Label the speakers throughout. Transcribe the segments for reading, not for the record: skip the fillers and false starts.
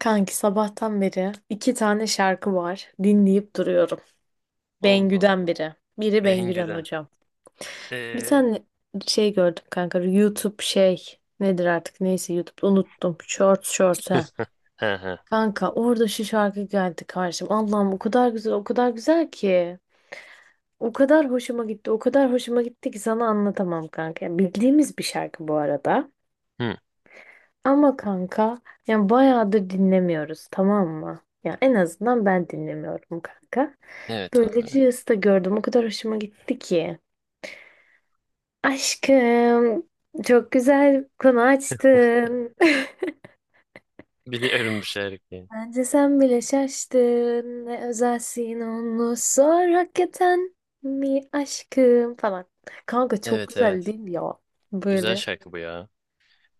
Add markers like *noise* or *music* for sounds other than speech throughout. Speaker 1: Kanki sabahtan beri iki tane şarkı var. Dinleyip duruyorum.
Speaker 2: Allah Allah.
Speaker 1: Bengü'den biri. Biri Bengü'den
Speaker 2: Bengü'den.
Speaker 1: hocam. Bir
Speaker 2: Ee?
Speaker 1: tane şey gördüm kanka. YouTube şey nedir artık neyse YouTube unuttum. Short short ha.
Speaker 2: *laughs* He he.
Speaker 1: Kanka orada şu şarkı geldi karşıma. Allah'ım o kadar güzel o kadar güzel ki. O kadar hoşuma gitti o kadar hoşuma gitti ki sana anlatamam kanka. Yani bildiğimiz bir şarkı bu arada.
Speaker 2: Hı.
Speaker 1: Ama kanka yani bayağıdır dinlemiyoruz, tamam mı? Ya en azından ben dinlemiyorum kanka.
Speaker 2: Evet abi.
Speaker 1: Böylece Reels'ta gördüm. O kadar hoşuma gitti ki. Aşkım, çok güzel konu açtın.
Speaker 2: Biliyorum bu şarkıyı.
Speaker 1: *laughs* Bence sen bile şaştın. Ne özelsin onu sor, hakikaten mi aşkım falan. Kanka çok
Speaker 2: Evet
Speaker 1: güzel
Speaker 2: evet.
Speaker 1: değil mi ya.
Speaker 2: Güzel
Speaker 1: Böyle.
Speaker 2: şarkı bu ya.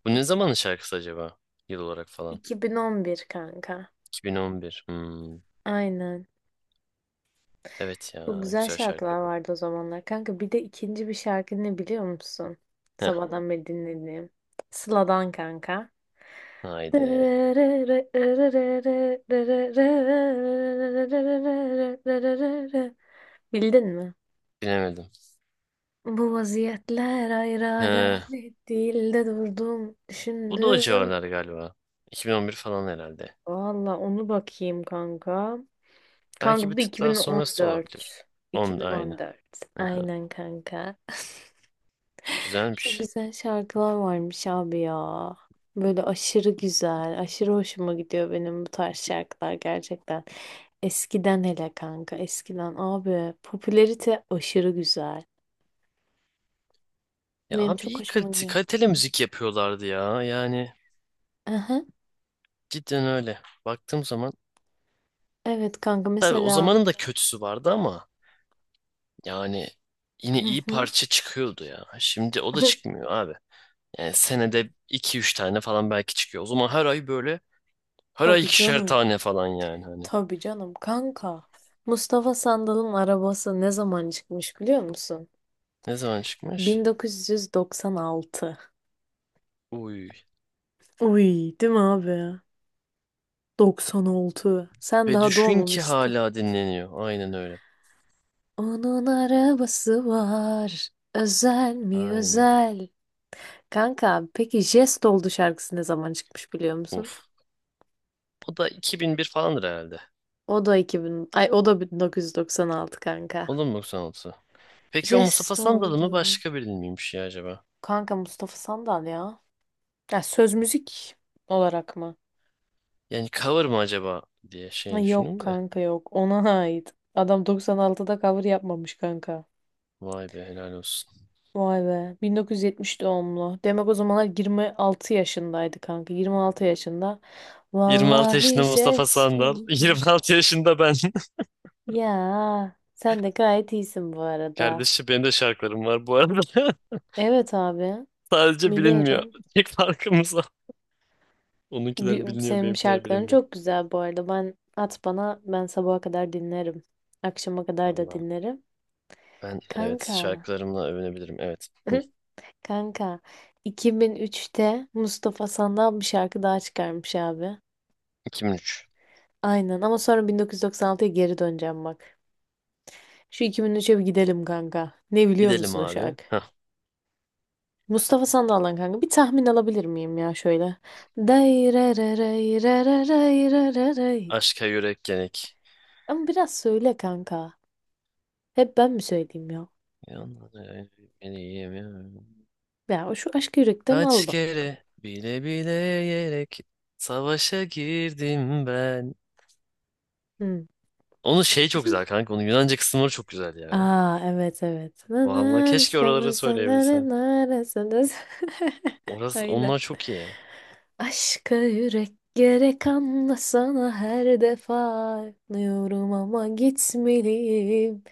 Speaker 2: Bu ne zamanın şarkısı acaba? Yıl olarak falan.
Speaker 1: 2011 kanka.
Speaker 2: 2011. Hmm.
Speaker 1: Aynen.
Speaker 2: Evet
Speaker 1: Çok
Speaker 2: ya.
Speaker 1: güzel
Speaker 2: Güzel şarkı
Speaker 1: şarkılar
Speaker 2: bu.
Speaker 1: vardı o zamanlar. Kanka bir de ikinci bir şarkı ne biliyor musun?
Speaker 2: Heh.
Speaker 1: Sabahtan beri dinlediğim. Sıla'dan kanka.
Speaker 2: Haydi.
Speaker 1: Bildin mi?
Speaker 2: Bilemedim.
Speaker 1: Bu vaziyetler ayrı
Speaker 2: He.
Speaker 1: alamet değil de durdum
Speaker 2: Bu da o
Speaker 1: düşündüm.
Speaker 2: civarlar galiba. 2011 falan herhalde.
Speaker 1: Valla onu bakayım kanka. Kanka
Speaker 2: Belki bir
Speaker 1: bu da
Speaker 2: tık daha sonrası da olabilir.
Speaker 1: 2014.
Speaker 2: On da aynı.
Speaker 1: 2014.
Speaker 2: Aha.
Speaker 1: Aynen kanka. Çok
Speaker 2: Güzelmiş.
Speaker 1: güzel şarkılar varmış abi ya. Böyle aşırı güzel, aşırı hoşuma gidiyor benim bu tarz şarkılar gerçekten. Eskiden hele kanka, eskiden abi popülerite aşırı güzel.
Speaker 2: Ya
Speaker 1: Benim
Speaker 2: abi
Speaker 1: çok
Speaker 2: iyi
Speaker 1: hoşuma
Speaker 2: kalite,
Speaker 1: gidiyor.
Speaker 2: kaliteli müzik yapıyorlardı ya. Yani
Speaker 1: Aha,
Speaker 2: cidden öyle. Baktığım zaman
Speaker 1: evet kanka
Speaker 2: tabii o
Speaker 1: mesela.
Speaker 2: zamanın da kötüsü vardı ama yani yine
Speaker 1: Hı
Speaker 2: iyi
Speaker 1: hı.
Speaker 2: parça çıkıyordu ya. Şimdi o da
Speaker 1: *laughs*
Speaker 2: çıkmıyor abi. Yani senede iki üç tane falan belki çıkıyor. O zaman her ay böyle her ay
Speaker 1: Tabii
Speaker 2: ikişer
Speaker 1: canım.
Speaker 2: tane falan yani hani.
Speaker 1: Tabii canım kanka. Mustafa Sandal'ın arabası ne zaman çıkmış biliyor musun?
Speaker 2: Ne zaman çıkmış?
Speaker 1: 1996.
Speaker 2: Uy.
Speaker 1: Uy, değil mi abi? 96. Sen
Speaker 2: Ve
Speaker 1: daha
Speaker 2: düşün ki
Speaker 1: doğmamıştın.
Speaker 2: hala dinleniyor. Aynen öyle.
Speaker 1: Onun arabası var. Özel mi
Speaker 2: Aynen.
Speaker 1: özel? Kanka peki Jest oldu şarkısı ne zaman çıkmış biliyor musun?
Speaker 2: Uf. O da 2001 falandır herhalde.
Speaker 1: O da 2000 ay o da 1996 kanka.
Speaker 2: O da mı mu. 96? Peki o Mustafa
Speaker 1: Jest
Speaker 2: Sandal mı
Speaker 1: oldu.
Speaker 2: başka biri miymiş ya acaba?
Speaker 1: Kanka Mustafa Sandal ya. Ya söz müzik olarak mı?
Speaker 2: Yani cover mı acaba diye
Speaker 1: Ha,
Speaker 2: şey
Speaker 1: yok
Speaker 2: düşündüm de.
Speaker 1: kanka yok. Ona ait. Adam 96'da cover yapmamış kanka.
Speaker 2: Vay be helal olsun.
Speaker 1: Vay be. 1970 doğumlu. Demek o zamanlar 26 yaşındaydı kanka. 26 yaşında.
Speaker 2: 26
Speaker 1: Vallahi
Speaker 2: yaşında Mustafa
Speaker 1: jest
Speaker 2: Sandal. *laughs*
Speaker 1: oldu.
Speaker 2: 26 yaşında ben. *laughs*
Speaker 1: Ya sen de gayet iyisin bu arada.
Speaker 2: Kardeşim benim de şarkılarım var bu arada. *laughs*
Speaker 1: Evet abi.
Speaker 2: Sadece bilinmiyor.
Speaker 1: Biliyorum.
Speaker 2: Tek farkımız o. Onunkiler biliniyor,
Speaker 1: Senin
Speaker 2: benimkiler
Speaker 1: şarkıların
Speaker 2: bilinmiyor.
Speaker 1: çok güzel bu arada. Ben at bana, ben sabaha kadar dinlerim. Akşama kadar da
Speaker 2: Allah'ım.
Speaker 1: dinlerim.
Speaker 2: Ben evet
Speaker 1: Kanka.
Speaker 2: şarkılarımla övünebilirim. Evet. Hı.
Speaker 1: *laughs* Kanka. 2003'te Mustafa Sandal bir şarkı daha çıkarmış abi.
Speaker 2: 2003.
Speaker 1: Aynen ama sonra 1996'ya geri döneceğim bak. Şu 2003'e bir gidelim kanka. Ne biliyor
Speaker 2: Gidelim
Speaker 1: musun o
Speaker 2: abi.
Speaker 1: şarkı?
Speaker 2: Hah.
Speaker 1: Mustafa Sandal'dan kanka bir tahmin alabilir miyim ya şöyle? Day re re re re re re re re re.
Speaker 2: Aşka yürek gerek.
Speaker 1: Ama biraz söyle kanka. Hep ben mi söyleyeyim ya?
Speaker 2: Yanlara eğilmeliyim ya.
Speaker 1: Ya o şu aşk yürekten
Speaker 2: Kaç
Speaker 1: al bak.
Speaker 2: kere bile bile yerek savaşa girdim ben.
Speaker 1: Hı.
Speaker 2: Onun şey çok güzel kanka. Onun Yunanca kısımları çok güzel ya.
Speaker 1: Aa evet evet. Na
Speaker 2: Vallahi
Speaker 1: na, na,
Speaker 2: keşke
Speaker 1: na, na,
Speaker 2: oraları
Speaker 1: na,
Speaker 2: söyleyebilsem.
Speaker 1: na, na, na, *laughs*
Speaker 2: Orası,
Speaker 1: Aynen.
Speaker 2: onlar çok iyi.
Speaker 1: Aşka yürek gerek anlasana, her defa anlıyorum ama gitmeliyim.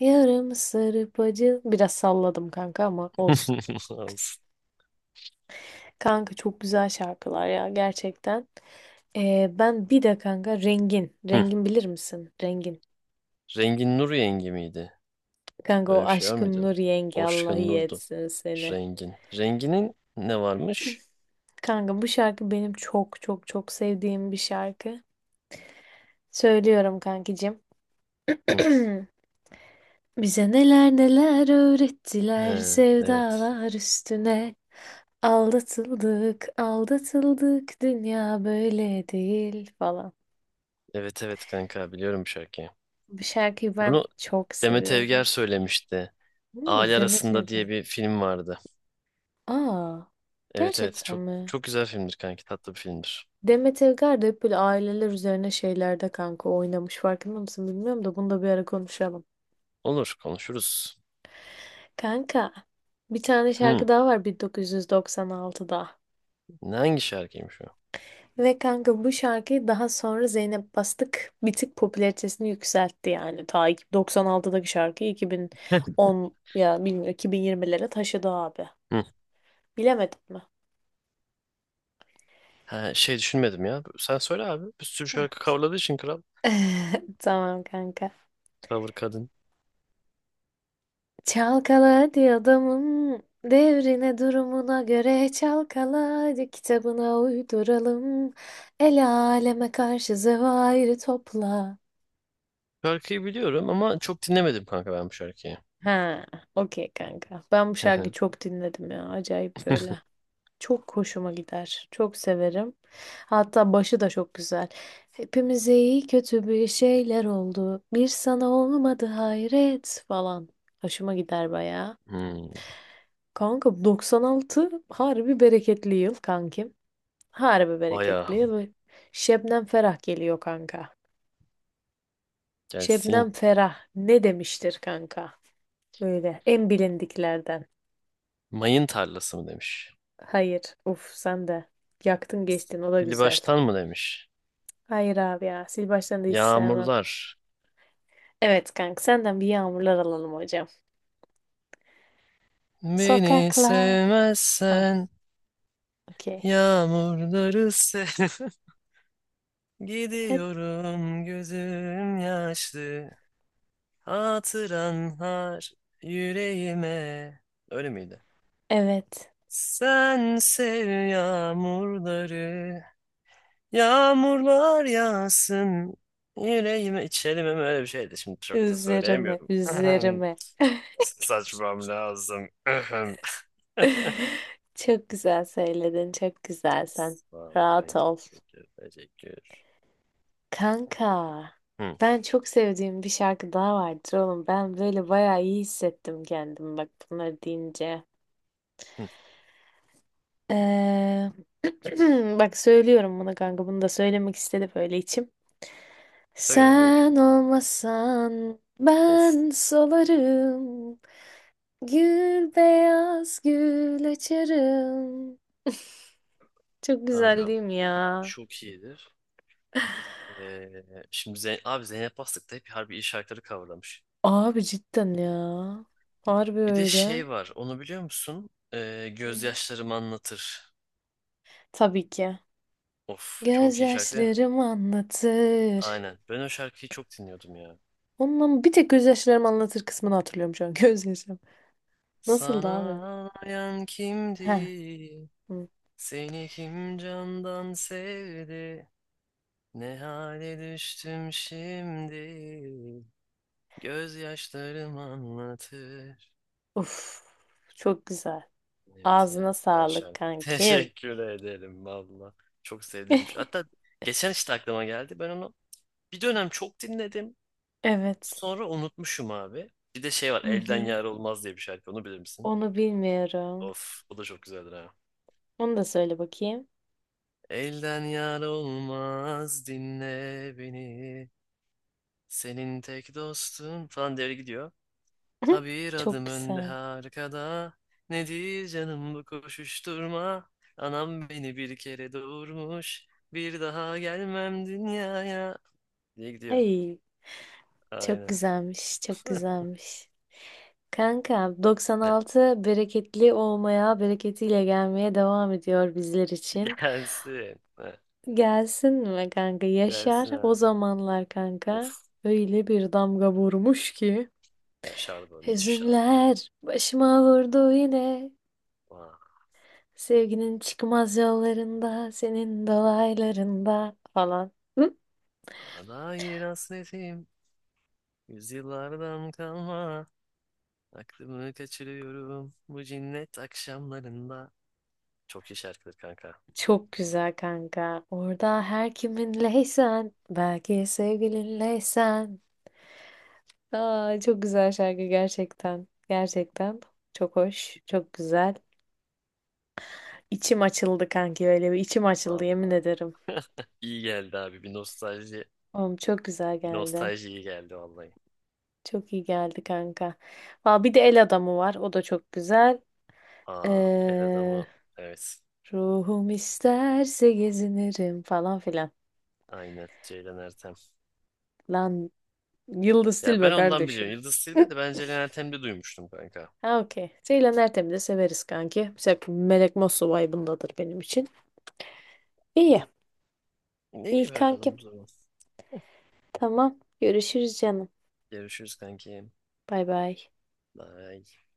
Speaker 1: Yarım sarıp acı. Biraz salladım kanka ama olsun.
Speaker 2: *laughs* Olsun.
Speaker 1: Kanka çok güzel şarkılar ya gerçekten. Ben bir de kanka Rengin.
Speaker 2: Hı.
Speaker 1: Rengin bilir misin? Rengin.
Speaker 2: Rengin Nur yengi miydi?
Speaker 1: Kanka
Speaker 2: Öyle
Speaker 1: o
Speaker 2: bir şey var
Speaker 1: aşkın
Speaker 2: mıydı?
Speaker 1: Nur Yengi, Allah
Speaker 2: Oşkun
Speaker 1: iyi
Speaker 2: Nur'du.
Speaker 1: etsin seni.
Speaker 2: Rengin. Renginin ne varmış?
Speaker 1: Kanka bu şarkı benim çok çok çok sevdiğim bir şarkı. Söylüyorum kankicim.
Speaker 2: Hı.
Speaker 1: *clears throat* Bize neler neler
Speaker 2: He,
Speaker 1: öğrettiler
Speaker 2: evet.
Speaker 1: sevdalar üstüne. Aldatıldık, aldatıldık, dünya böyle değil falan.
Speaker 2: Evet evet kanka biliyorum bu şarkıyı.
Speaker 1: Bu şarkıyı ben
Speaker 2: Bunu
Speaker 1: çok
Speaker 2: Demet Evger
Speaker 1: seviyorum.
Speaker 2: söylemişti.
Speaker 1: Hmm,
Speaker 2: Aile
Speaker 1: Demet
Speaker 2: Arasında diye
Speaker 1: Evgar.
Speaker 2: bir film vardı.
Speaker 1: Aa,
Speaker 2: Evet evet
Speaker 1: gerçekten
Speaker 2: çok
Speaker 1: mi?
Speaker 2: çok güzel filmdir kanki tatlı bir filmdir.
Speaker 1: Demet Evgar da hep böyle aileler üzerine şeylerde kanka oynamış. Farkında mısın bilmiyorum da, bunu da bir ara konuşalım.
Speaker 2: Olur konuşuruz.
Speaker 1: Kanka, bir tane
Speaker 2: Hı.
Speaker 1: şarkı daha var 1996'da.
Speaker 2: Ne hangi şarkıymış o?
Speaker 1: Ve kanka bu şarkıyı daha sonra Zeynep Bastık bir tık popülaritesini yükseltti yani. Ta 96'daki şarkıyı
Speaker 2: *laughs*
Speaker 1: 2010 ya bilmiyorum 2020'lere taşıdı abi.
Speaker 2: Hı.
Speaker 1: Bilemedim mi?
Speaker 2: Ha, şey düşünmedim ya. Sen söyle abi. Bir sürü
Speaker 1: Heh.
Speaker 2: şarkı coverladığı için kral.
Speaker 1: *laughs* Tamam kanka.
Speaker 2: Cover kadın.
Speaker 1: Çalkala hadi adamın devrine durumuna göre, çalkala hadi kitabına uyduralım. El aleme karşı zevairi topla.
Speaker 2: Şarkıyı biliyorum ama çok dinlemedim kanka ben bu şarkıyı.
Speaker 1: Ha, okey kanka. Ben bu şarkıyı
Speaker 2: *laughs*
Speaker 1: çok dinledim ya. Acayip böyle. Çok hoşuma gider. Çok severim. Hatta başı da çok güzel. Hepimize iyi kötü bir şeyler oldu. Bir sana olmadı hayret falan. Hoşuma gider bayağı.
Speaker 2: hmm,
Speaker 1: Kanka 96 harbi bereketli yıl kankim. Harbi
Speaker 2: bayağı.
Speaker 1: bereketli yıl. Şebnem Ferah geliyor kanka.
Speaker 2: Gelsin.
Speaker 1: Şebnem Ferah ne demiştir kanka? Böyle en bilindiklerden.
Speaker 2: Mayın tarlası mı demiş.
Speaker 1: Hayır. Uf sen de. Yaktın geçtin o da
Speaker 2: Dili
Speaker 1: güzel.
Speaker 2: baştan mı demiş.
Speaker 1: Hayır abi ya. Sil baştan da hiç sevmem.
Speaker 2: Yağmurlar.
Speaker 1: Evet kanka, senden bir yağmurlar alalım hocam.
Speaker 2: Beni
Speaker 1: Sokaklar. Ha,
Speaker 2: sevmezsen
Speaker 1: okey.
Speaker 2: yağmurları sev. *laughs*
Speaker 1: He-
Speaker 2: Gidiyorum gözüm yaşlı. Hatıran har yüreğime. Öyle miydi?
Speaker 1: Evet.
Speaker 2: Sen sev yağmurları, yağmurlar yağsın yüreğime. İçelim mi öyle bir şeydi. Şimdi çok da
Speaker 1: Üzerime, üzerime.
Speaker 2: söyleyemiyorum. *clears throat* Ses açmam lazım.
Speaker 1: *laughs* Çok güzel söyledin, çok güzel
Speaker 2: *clears throat*
Speaker 1: sen.
Speaker 2: Sağ ol
Speaker 1: Rahat
Speaker 2: kanki.
Speaker 1: ol.
Speaker 2: Teşekkür, teşekkür.
Speaker 1: Kanka,
Speaker 2: Hı,
Speaker 1: ben çok sevdiğim bir şarkı daha vardır oğlum. Ben böyle bayağı iyi hissettim kendimi bak bunları deyince.
Speaker 2: hı.
Speaker 1: Ee, *clears throat* Bak söylüyorum bunu kanka. Bunu da söylemek istedi böyle içim.
Speaker 2: Söyle buyur.
Speaker 1: Sen olmasan
Speaker 2: Of
Speaker 1: ben solarım. Gül beyaz gül açarım. Çok güzel
Speaker 2: kanka
Speaker 1: değil mi ya?
Speaker 2: çok iyidir. Ve şimdi Zeyn abi Zeynep Bastık da hep harbi iyi şarkıları coverlamış.
Speaker 1: Abi cidden ya. Harbi
Speaker 2: Bir de
Speaker 1: öyle.
Speaker 2: şey var onu biliyor musun? Gözyaşlarım anlatır.
Speaker 1: Tabii ki.
Speaker 2: Of çok iyi şarkı değil mi?
Speaker 1: Gözyaşlarım anlatır.
Speaker 2: Aynen. Ben o şarkıyı çok dinliyordum ya.
Speaker 1: Ondan bir tek gözyaşlarım anlatır kısmını hatırlıyorum şu an. *laughs* Gözyaşlarım. Nasıldı
Speaker 2: Sana
Speaker 1: abi?
Speaker 2: ağlayan
Speaker 1: Heh.
Speaker 2: kimdi?
Speaker 1: Hı.
Speaker 2: Seni kim candan sevdi? Ne hale düştüm şimdi? Gözyaşlarım anlatır.
Speaker 1: Uf. Çok güzel.
Speaker 2: Evet ya
Speaker 1: Ağzına
Speaker 2: güzel
Speaker 1: sağlık
Speaker 2: şarkı. *laughs*
Speaker 1: kankim.
Speaker 2: Teşekkür ederim valla. Çok sevdiğim bir şey.
Speaker 1: *laughs*
Speaker 2: Hatta geçen işte aklıma geldi. Ben onu bir dönem çok dinledim.
Speaker 1: Evet.
Speaker 2: Sonra unutmuşum abi. Bir de şey var
Speaker 1: Hı
Speaker 2: Elden
Speaker 1: hı.
Speaker 2: Yar Olmaz diye bir şarkı. Onu bilir misin?
Speaker 1: Onu bilmiyorum.
Speaker 2: Of bu da çok güzeldir ha.
Speaker 1: Onu da söyle bakayım.
Speaker 2: Elden yar olmaz dinle beni. Senin tek dostun falan devre gidiyor. Ha
Speaker 1: *laughs*
Speaker 2: bir
Speaker 1: Çok
Speaker 2: adım önde ha
Speaker 1: güzel.
Speaker 2: arkada. Nedir canım bu koşuşturma? Anam beni bir kere doğurmuş. Bir daha gelmem dünyaya. Diye gidiyor.
Speaker 1: Ay, çok
Speaker 2: Aynen.
Speaker 1: güzelmiş, çok
Speaker 2: *laughs*
Speaker 1: güzelmiş. Kanka,
Speaker 2: Heh,
Speaker 1: 96 bereketli olmaya, bereketiyle gelmeye devam ediyor bizler için.
Speaker 2: gelsin. Heh,
Speaker 1: Gelsin mi kanka? Yaşar
Speaker 2: gelsin
Speaker 1: o
Speaker 2: abi.
Speaker 1: zamanlar
Speaker 2: Of.
Speaker 1: kanka. Öyle bir damga vurmuş ki.
Speaker 2: Yaşar da müthiş ha.
Speaker 1: Hüzünler başıma vurdu yine.
Speaker 2: Vay,
Speaker 1: Sevginin çıkmaz yollarında, senin dolaylarında falan. Hı?
Speaker 2: ana dair hasretim. Yüzyıllardan kalma. Aklımı kaçırıyorum bu cinnet akşamlarında. Çok iyi şarkıdır kanka.
Speaker 1: Çok güzel kanka. Orada her kiminleysen, belki sevgilinleysen. Aa, çok güzel şarkı gerçekten. Gerçekten çok hoş, çok güzel. İçim açıldı kanki, öyle bir içim açıldı yemin
Speaker 2: Vallahi.
Speaker 1: ederim.
Speaker 2: İyi geldi abi. Bir nostalji,
Speaker 1: Oğlum çok güzel
Speaker 2: bir
Speaker 1: geldi.
Speaker 2: nostalji iyi geldi vallahi.
Speaker 1: Çok iyi geldi kanka. Aa, bir de El Adamı var. O da çok güzel.
Speaker 2: Aa, el
Speaker 1: Ee,
Speaker 2: adamı. Evet.
Speaker 1: ruhum isterse gezinirim falan filan.
Speaker 2: Aynen. Ceylan Ertem.
Speaker 1: Lan Yıldız
Speaker 2: Ya ben
Speaker 1: Tilbe
Speaker 2: ondan biliyorum.
Speaker 1: kardeşim.
Speaker 2: Yıldız Tilbe
Speaker 1: *laughs*
Speaker 2: de ben Ceylan Ertem'de duymuştum kanka.
Speaker 1: Ha okey. Ceylan Ertem'i de severiz kanki. Mesela Melek Mosso vibe'ındadır benim için. İyi. İyi
Speaker 2: İyi bakalım
Speaker 1: kankim.
Speaker 2: bu zaman.
Speaker 1: Tamam. Görüşürüz canım.
Speaker 2: Görüşürüz kanki.
Speaker 1: Bay bay.
Speaker 2: Bye.